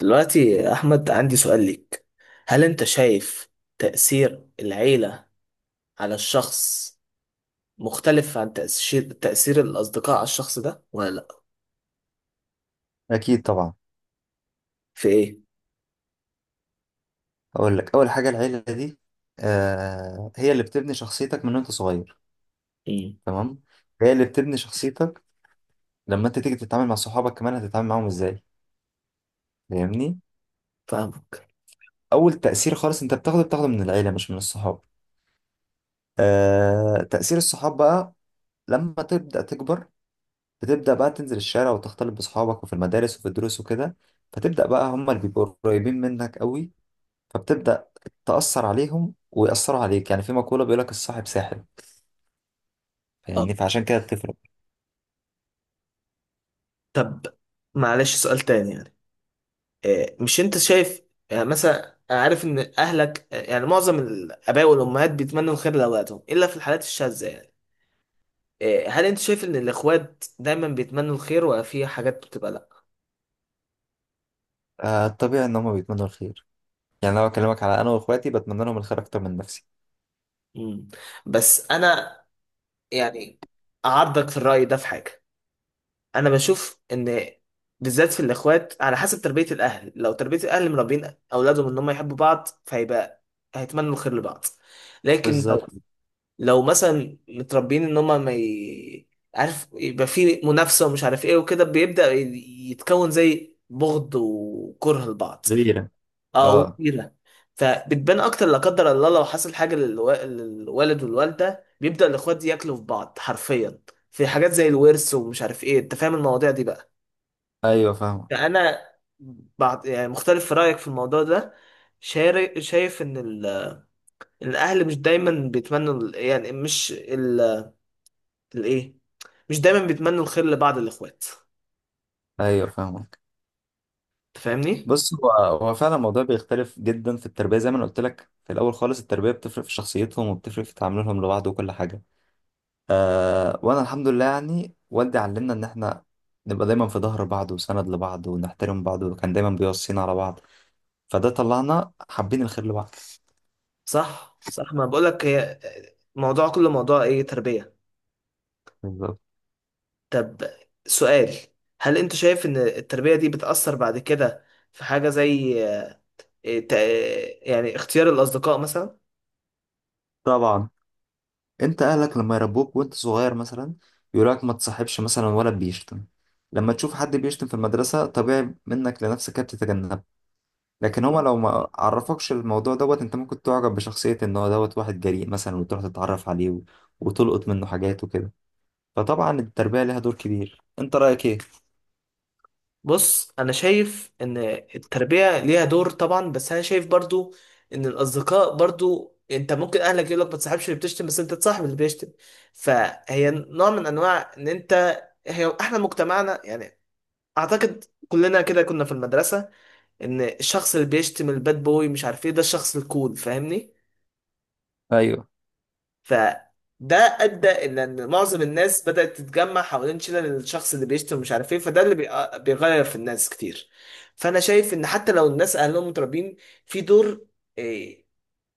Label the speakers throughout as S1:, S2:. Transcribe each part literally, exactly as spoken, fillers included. S1: دلوقتي يا أحمد عندي سؤال ليك. هل أنت شايف تأثير العيلة على الشخص مختلف عن تأثير تأثير الأصدقاء على الشخص ده ولا لأ؟
S2: أكيد طبعا.
S1: في إيه؟
S2: أقول لك أول حاجة، العيلة دي آه هي اللي بتبني شخصيتك من وأنت صغير.
S1: امم
S2: تمام، هي اللي بتبني شخصيتك. لما أنت تيجي تتعامل مع صحابك كمان هتتعامل معاهم إزاي، فاهمني؟
S1: فاهمك.
S2: أول تأثير خالص أنت بتاخده بتاخده من العيلة مش من الصحاب. آه، تأثير الصحاب بقى لما تبدأ تكبر، بتبدأ بقى تنزل الشارع وتختلط بصحابك وفي المدارس وفي الدروس وكده، فتبدأ بقى هما اللي بيبقوا قريبين منك قوي، فبتبدأ تأثر عليهم ويأثروا عليك. يعني في مقولة بيقول لك الصاحب ساحب،
S1: أه،
S2: فاهمني؟ فعشان كده بتفرق.
S1: طب معلش سؤال تاني يعني، إيه، مش أنت شايف، يعني مثلا أنا عارف إن أهلك، آه، يعني معظم الآباء والأمهات بيتمنوا الخير لأولادهم إلا في الحالات الشاذة يعني. إيه، هل أنت شايف إن الإخوات دايما بيتمنوا الخير ولا في حاجات بتبقى لأ؟
S2: آه الطبيعي ان هم بيتمنوا الخير، يعني لو اكلمك على انا واخواتي بتمنى لهم الخير اكتر من نفسي.
S1: امم بس أنا يعني أعارضك في الرأي ده في حاجة. أنا بشوف إن، بالذات في الإخوات، على حسب تربية الأهل. لو تربية الأهل مربين أولادهم إن هم يحبوا بعض فهيبقى هيتمنوا الخير لبعض. لكن
S2: بالظبط.
S1: لو لو مثلا متربيين إن هم ما ي... عارف، يبقى في منافسة ومش عارف إيه وكده، بيبدأ يتكون زي بغض وكره لبعض.
S2: غيرة.
S1: اه،
S2: اه.
S1: وكبيره. فبتبان اكتر لا قدر الله لو حصل حاجه للوا- للوالد والوالده، بيبدا الاخوات ياكلوا في بعض حرفيا، في حاجات زي الورث ومش عارف ايه. انت فاهم المواضيع دي بقى؟
S2: ايوه فاهمك.
S1: فانا، بعد يعني، مختلف في رايك في الموضوع ده. شار- شايف ان ال- الاهل مش دايما بيتمنوا ال- يعني مش ال- الايه مش دايما بيتمنوا الخير لبعض الاخوات.
S2: ايوه فاهمك.
S1: انت فاهمني؟
S2: بص، هو هو فعلا الموضوع بيختلف جدا في التربيه، زي ما انا قلت لك في الاول خالص التربيه بتفرق في شخصيتهم وبتفرق في تعاملهم لبعض وكل حاجه. آه، وانا الحمد لله يعني والدي علمنا ان احنا نبقى دايما في ظهر بعض وسند لبعض ونحترم بعض، وكان دايما بيوصينا على بعض، فده طلعنا حابين الخير لبعض.
S1: صح صح، ما بقولك، هي موضوع، كل موضوع ايه، تربيه.
S2: بالظبط.
S1: طب سؤال، هل انت شايف ان التربية دي بتأثر بعد كده في حاجة زي، آه، تا- يعني اختيار الأصدقاء مثلا؟
S2: طبعا، انت اهلك لما يربوك وانت صغير مثلا يقولك ما تصاحبش مثلا ولا بيشتم، لما تشوف حد بيشتم في المدرسة طبيعي منك لنفسك تتجنب. لكن هما لو ما عرفوكش الموضوع دوت، انت ممكن تعجب بشخصية ان هو دوت واحد جريء مثلا وتروح تتعرف عليه و- وتلقط منه حاجات وكده. فطبعا التربية ليها دور كبير. انت رأيك ايه؟
S1: بص، انا شايف ان التربية ليها دور طبعا، بس انا شايف برضو ان الأصدقاء برضو، انت ممكن اهلك يقولك ما تصاحبش اللي بتشتم، بس انت تصاحب اللي بيشتم. فهي نوع من انواع ان انت، هي احنا مجتمعنا يعني، اعتقد كلنا كده كنا في المدرسة، ان الشخص اللي بيشتم الباد بوي مش عارف ايه، ده الشخص الكول، فاهمني.
S2: ايوه
S1: فده ادى الى ان معظم الناس بدات تتجمع حوالين شلل الشخص اللي بيشتم ومش عارف ايه، فده اللي بي- بيغير في الناس كتير. فانا شايف ان حتى لو الناس اهلهم متربين، في دور، إيه،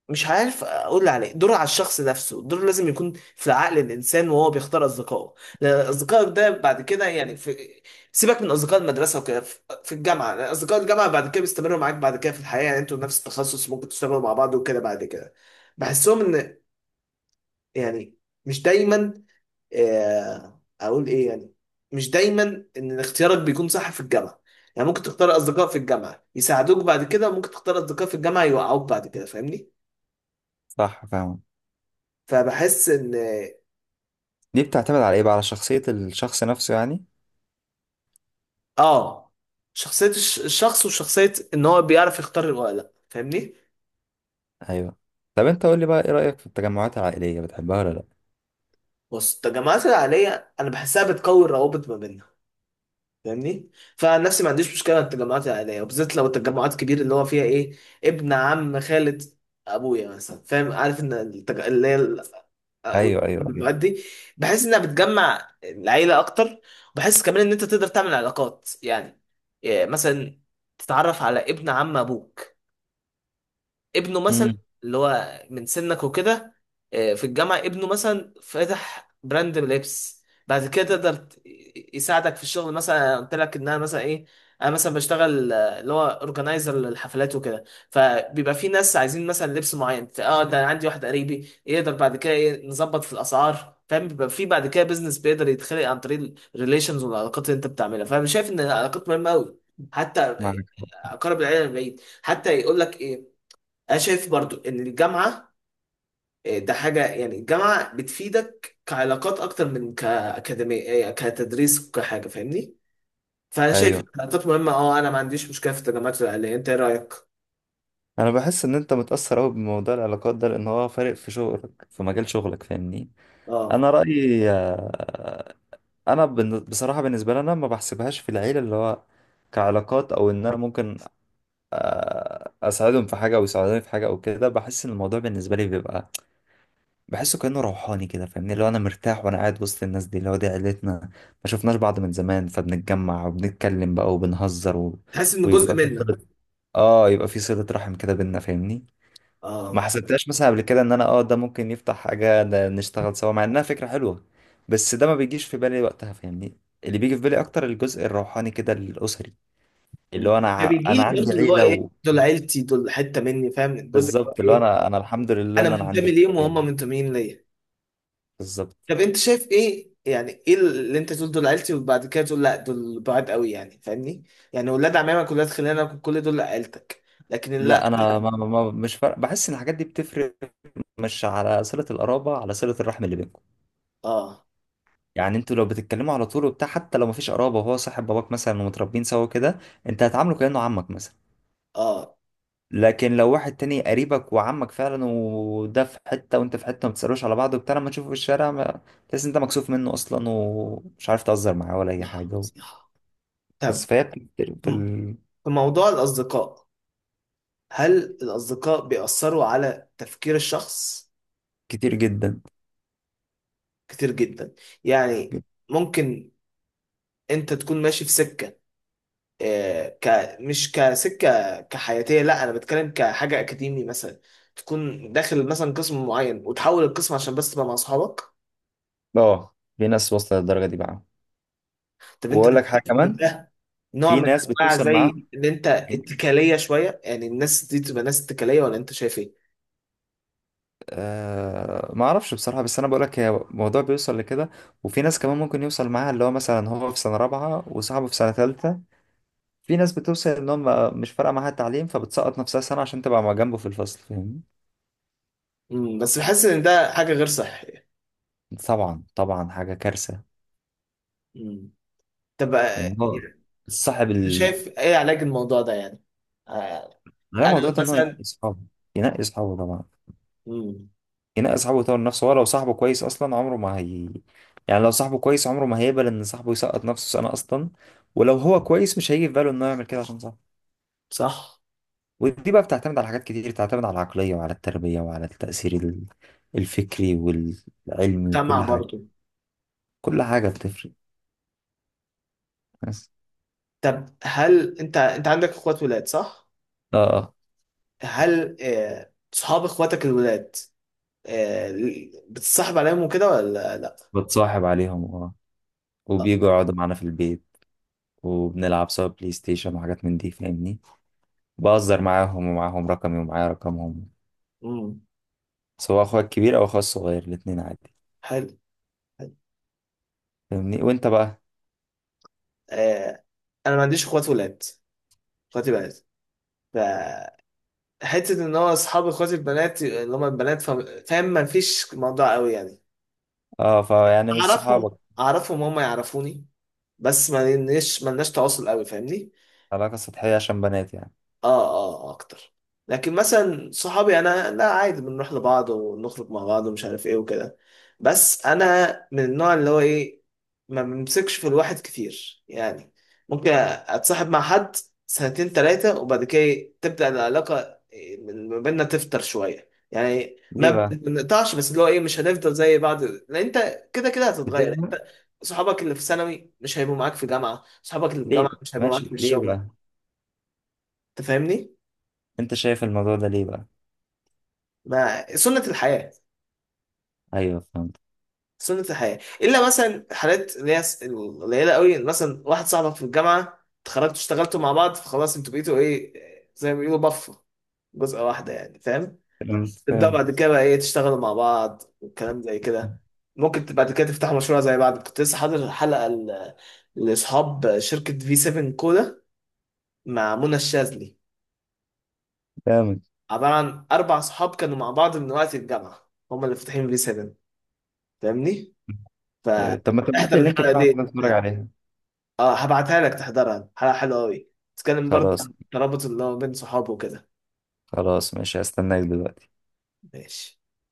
S1: مش عارف اقول عليه، دور على الشخص نفسه، دور لازم يكون في عقل الانسان وهو بيختار اصدقائه. لان اصدقائك ده بعد كده يعني، في، سيبك من اصدقاء المدرسه وكده، في في الجامعه، لأن اصدقاء الجامعه بعد كده بيستمروا معاك بعد كده في الحياه، يعني انتوا نفس التخصص ممكن تشتغلوا مع بعض وكده بعد كده. بحسهم ان يعني مش دايما، آه، اقول ايه يعني، مش دايما ان اختيارك بيكون صح في الجامعه. يعني ممكن تختار اصدقاء في الجامعه يساعدوك بعد كده، ممكن تختار اصدقاء في الجامعه يوقعوك بعد كده، فاهمني.
S2: صح، فاهم.
S1: فبحس ان،
S2: دي بتعتمد على ايه بقى؟ على شخصية الشخص نفسه يعني.
S1: اه، شخصيه الش- الشخص وشخصيه ان هو بيعرف يختار ولا لا، فاهمني.
S2: ايوه. طب انت قول لي بقى، ايه رأيك في التجمعات العائلية، بتحبها ولا لا؟
S1: بص التجمعات العائليه انا بحسها بتقوي الروابط ما بيننا، فاهمني. فنفسي ما عنديش مشكله مع التجمعات العائليه، وبالذات لو التجمعات كبيره، اللي هو فيها ايه، ابن عم خالة ابويا مثلا. فاهم، عارف ان التج... اللي هي ال-
S2: ايوه، ايوه، ايوه.
S1: المجموعات دي بحس انها بتجمع العيله اكتر، وبحس كمان ان انت تقدر تعمل علاقات، يعني، إيه، مثلا تتعرف على ابن عم ابوك، ابنه مثلا
S2: امم.
S1: اللي هو من سنك وكده، آه، في الجامعة، ابنه مثلا فاتح براند لبس بعد كده تقدر ت- يساعدك في الشغل مثلا. أنا قلت لك ان انا مثلا ايه، انا مثلا بشتغل آه، اللي هو اورجنايزر للحفلات وكده. فبيبقى في ناس عايزين مثلا لبس معين، اه، ده أنا عندي واحد قريبي يقدر بعد كده إيه نظبط في الاسعار، فاهم. بيبقى في بعد كده بيزنس بيقدر يتخلق عن طريق الريليشنز والعلاقات اللي انت بتعملها. فانا شايف ان العلاقات مهمه قوي، حتى
S2: معاك.
S1: اقرب العيله من بعيد حتى يقول لك إيه. انا شايف برضو ان الجامعه، آه، ده حاجه، يعني الجامعه بتفيدك كعلاقات اكتر من كاكاديميه، آه، كتدريس وكحاجه، فاهمني. فانا شايف إن
S2: ايوه.
S1: العلاقات مهمه، اه، انا ما عنديش مشكله في التجمعات العائليه. انت ايه رايك؟
S2: انا بحس ان انت متاثر قوي بموضوع العلاقات ده، لان هو فارق في شغلك في مجال شغلك، فاهمني؟
S1: اه،
S2: انا رايي آه، انا بن- بصراحه بالنسبه لي انا ما بحسبهاش في العيله اللي هو كعلاقات، او ان انا ممكن آه، اساعدهم في حاجه او يساعدوني في حاجه او كده. بحس ان الموضوع بالنسبه لي بيبقى بحسه كانه روحاني كده، فاهمني؟ اللي هو انا مرتاح وانا قاعد وسط الناس دي اللي هو دي عيلتنا، ما شفناش بعض من زمان فبنتجمع وبنتكلم بقى وبنهزر و...
S1: حاسس ان جزء
S2: ويبقى في
S1: منك،
S2: صله. اه، يبقى في صله رحم كده بينا، فاهمني؟ ما
S1: اه،
S2: حسبتهاش مثلا قبل كده ان انا اه ده ممكن يفتح حاجة، ده نشتغل سوا، مع انها فكرة حلوة بس ده ما بيجيش في بالي وقتها، فاهمني؟ اللي بيجي في بالي اكتر الجزء الروحاني كده الاسري، اللي
S1: مم.
S2: هو انا ع-
S1: فبيجي
S2: انا
S1: لي
S2: عندي
S1: برضو اللي هو
S2: عيلة
S1: ايه،
S2: و...
S1: دول عيلتي، دول حته مني، فاهم. الجزء اللي هو
S2: بالظبط، اللي هو
S1: ايه،
S2: انا، انا الحمد لله
S1: انا
S2: ان انا عندي
S1: منتمي ليهم
S2: العيلة دي.
S1: وهم منتميين ليا.
S2: بالظبط.
S1: طب انت شايف ايه يعني؟ ايه اللي انت تقول دول عيلتي وبعد كده تقول لا دول بعاد قوي يعني؟ فاهمني، يعني ولاد عمامك ولاد خلانك كل دول عيلتك، لكن لا.
S2: لا، انا ما ما ما- مش فارق، بحس ان الحاجات دي بتفرق مش على صلة القرابة، على صلة الرحم اللي بينكم.
S1: اه،
S2: يعني انتوا لو بتتكلموا على طول وبتاع حتى لو مفيش قرابة وهو صاحب باباك مثلا ومتربيين سوا كده، انت هتعامله كأنه عمك مثلا.
S1: اه،
S2: لكن لو واحد تاني قريبك وعمك فعلا وده في حتة وانت في حتة، ما بتسألوش على بعض وبتاع، لما تشوفه في الشارع ما- تحس انت مكسوف منه اصلا ومش عارف تهزر معاه ولا اي
S1: لا.
S2: حاجة. بس
S1: طب
S2: فهي بتكتير في ال...
S1: في موضوع الأصدقاء، هل الأصدقاء بيأثروا على تفكير الشخص؟
S2: كتير جدا.
S1: كتير جدا. يعني ممكن أنت تكون ماشي في سكة، آه، ك مش كسكه كحياتيه، لا انا بتكلم كحاجه اكاديمي مثلا، تكون داخل مثلا قسم معين وتحول القسم عشان بس تبقى مع اصحابك.
S2: اه في ناس وصلت للدرجة دي بقى،
S1: طب انت
S2: واقول لك
S1: بتشوف
S2: حاجة
S1: ان
S2: كمان،
S1: ده نوع
S2: في
S1: من
S2: ناس
S1: انواع
S2: بتوصل معاهم
S1: زي ان انت اتكاليه شويه، يعني الناس دي تبقى ناس اتكاليه، ولا انت شايف ايه؟
S2: آه ما اعرفش بصراحة، بس انا بقول لك هي الموضوع بيوصل لكده. وفي ناس كمان ممكن يوصل معاها اللي هو مثلا هو في سنة رابعة وصاحبه في سنة ثالثة، في ناس بتوصل انهم مش فارقه معاها التعليم فبتسقط نفسها سنه عشان تبقى مع جنبه في الفصل، فاهمني؟
S1: مم. بس بحس ان ده حاجه غير صحيه.
S2: طبعا طبعا حاجه كارثه.
S1: مم. طب، آه،
S2: ان هو صاحب
S1: انت
S2: ال...
S1: شايف ايه علاج الموضوع ده يعني؟ آه،
S2: غير الموضوع
S1: انا
S2: ده، ان هو ينقي
S1: مثلا،
S2: اصحابه. ينقي اصحابه طبعا،
S1: مم.
S2: ينقي اصحابه ويطور نفسه. هو لو صاحبه كويس اصلا عمره ما هي، يعني لو صاحبه كويس عمره ما هيقبل ان صاحبه يسقط نفسه سنه اصلا، ولو هو كويس مش هيجي في باله انه يعمل كده عشان صاحبه.
S1: صح؟
S2: ودي بقى بتعتمد على حاجات كتير، بتعتمد على العقليه وعلى التربيه وعلى التاثير ال- الفكري والعلمي
S1: جامعه
S2: وكل حاجه.
S1: برضو.
S2: كل حاجه بتفرق.
S1: طب هل انت، انت عندك اخوات ولاد صح؟
S2: اه.
S1: هل آه، صحاب اخواتك الولاد، آه، بتصاحب عليهم وكده ولا لا؟
S2: بتصاحب عليهم، اه،
S1: آه،
S2: وبيجوا يقعدوا معانا في البيت وبنلعب سوا بلاي ستيشن وحاجات من دي، فاهمني؟ بهزر معاهم، ومعاهم رقمي ومعايا رقمهم،
S1: امم.
S2: سواء اخويا الكبير او اخويا الصغير، الاتنين عادي.
S1: حلو، حلو.
S2: فاهمني؟ وانت بقى؟
S1: آه، انا ما عنديش اخوات ولاد، اخواتي بنات. فحته ان هو اصحاب اخواتي البنات، اللي هم البنات، فا- فاهم، ما فيش موضوع قوي يعني.
S2: اه، فيعني مش
S1: اعرفهم،
S2: صحابك.
S1: اعرفهم هم يعرفوني، بس ما لناش ما لناش تواصل قوي، فاهمني.
S2: علاقة سطحية عشان بنات يعني.
S1: اه، اه، آه، اكتر. لكن مثلا صحابي انا لا عادي بنروح لبعض ونخرج مع بعض ومش عارف ايه وكده. بس انا من النوع اللي هو ايه، ما بمسكش في الواحد كتير يعني. ممكن اتصاحب مع حد سنتين تلاتة وبعد كده إيه، تبدأ العلاقة ما بيننا تفتر شوية. يعني ما
S2: ليه بقى؟
S1: بنقطعش، بس اللي هو ايه، مش هنفضل زي بعض، لان انت كده كده هتتغير
S2: بتزهق؟
S1: انت. صحابك اللي في ثانوي مش هيبقوا معاك في جامعة، صحابك اللي في
S2: ليه؟
S1: جامعة مش هيبقوا معاك
S2: ماشي
S1: في
S2: ليه
S1: الشغل.
S2: بقى؟
S1: انت فاهمني؟
S2: انت شايف الموضوع ده ليه بقى؟
S1: ما سنة الحياة،
S2: ايوه فهمت.
S1: سنة الحياة، إلا مثلا حالات اللي هي س- القليلة قوي، مثلا واحد صاحبك في الجامعة اتخرجتوا اشتغلتوا مع بعض، فخلاص انتوا بقيتوا ايه، زي ما بيقولوا بفة، جزءة واحدة يعني، فاهم.
S2: فهمت
S1: تبدأوا بعد
S2: فهمت
S1: كده بقى ايه تشتغلوا مع بعد والكلام زي كده. ممكن ت- بعد كده تفتحوا مشروع زي بعض. كنت لسه حاضر حلقة ل- لأصحاب شركة في سفن كولا مع منى الشاذلي.
S2: فهمت.
S1: عبارة عن أربع صحاب كانوا مع بعض من وقت الجامعة، هما اللي فاتحين في سفن، فاهمني؟
S2: ايوه طب ما تبعت لي
S1: فاحضر
S2: اللينك
S1: الحلقه
S2: بتاعك
S1: دي.
S2: كده اتفرج عليها.
S1: اه، هبعتها لك تحضرها، حلقه حلوه قوي، تتكلم برضه
S2: خلاص.
S1: عن الترابط اللي هو بين صحابه وكده.
S2: خلاص ماشي، هستناك دلوقتي.
S1: ماشي.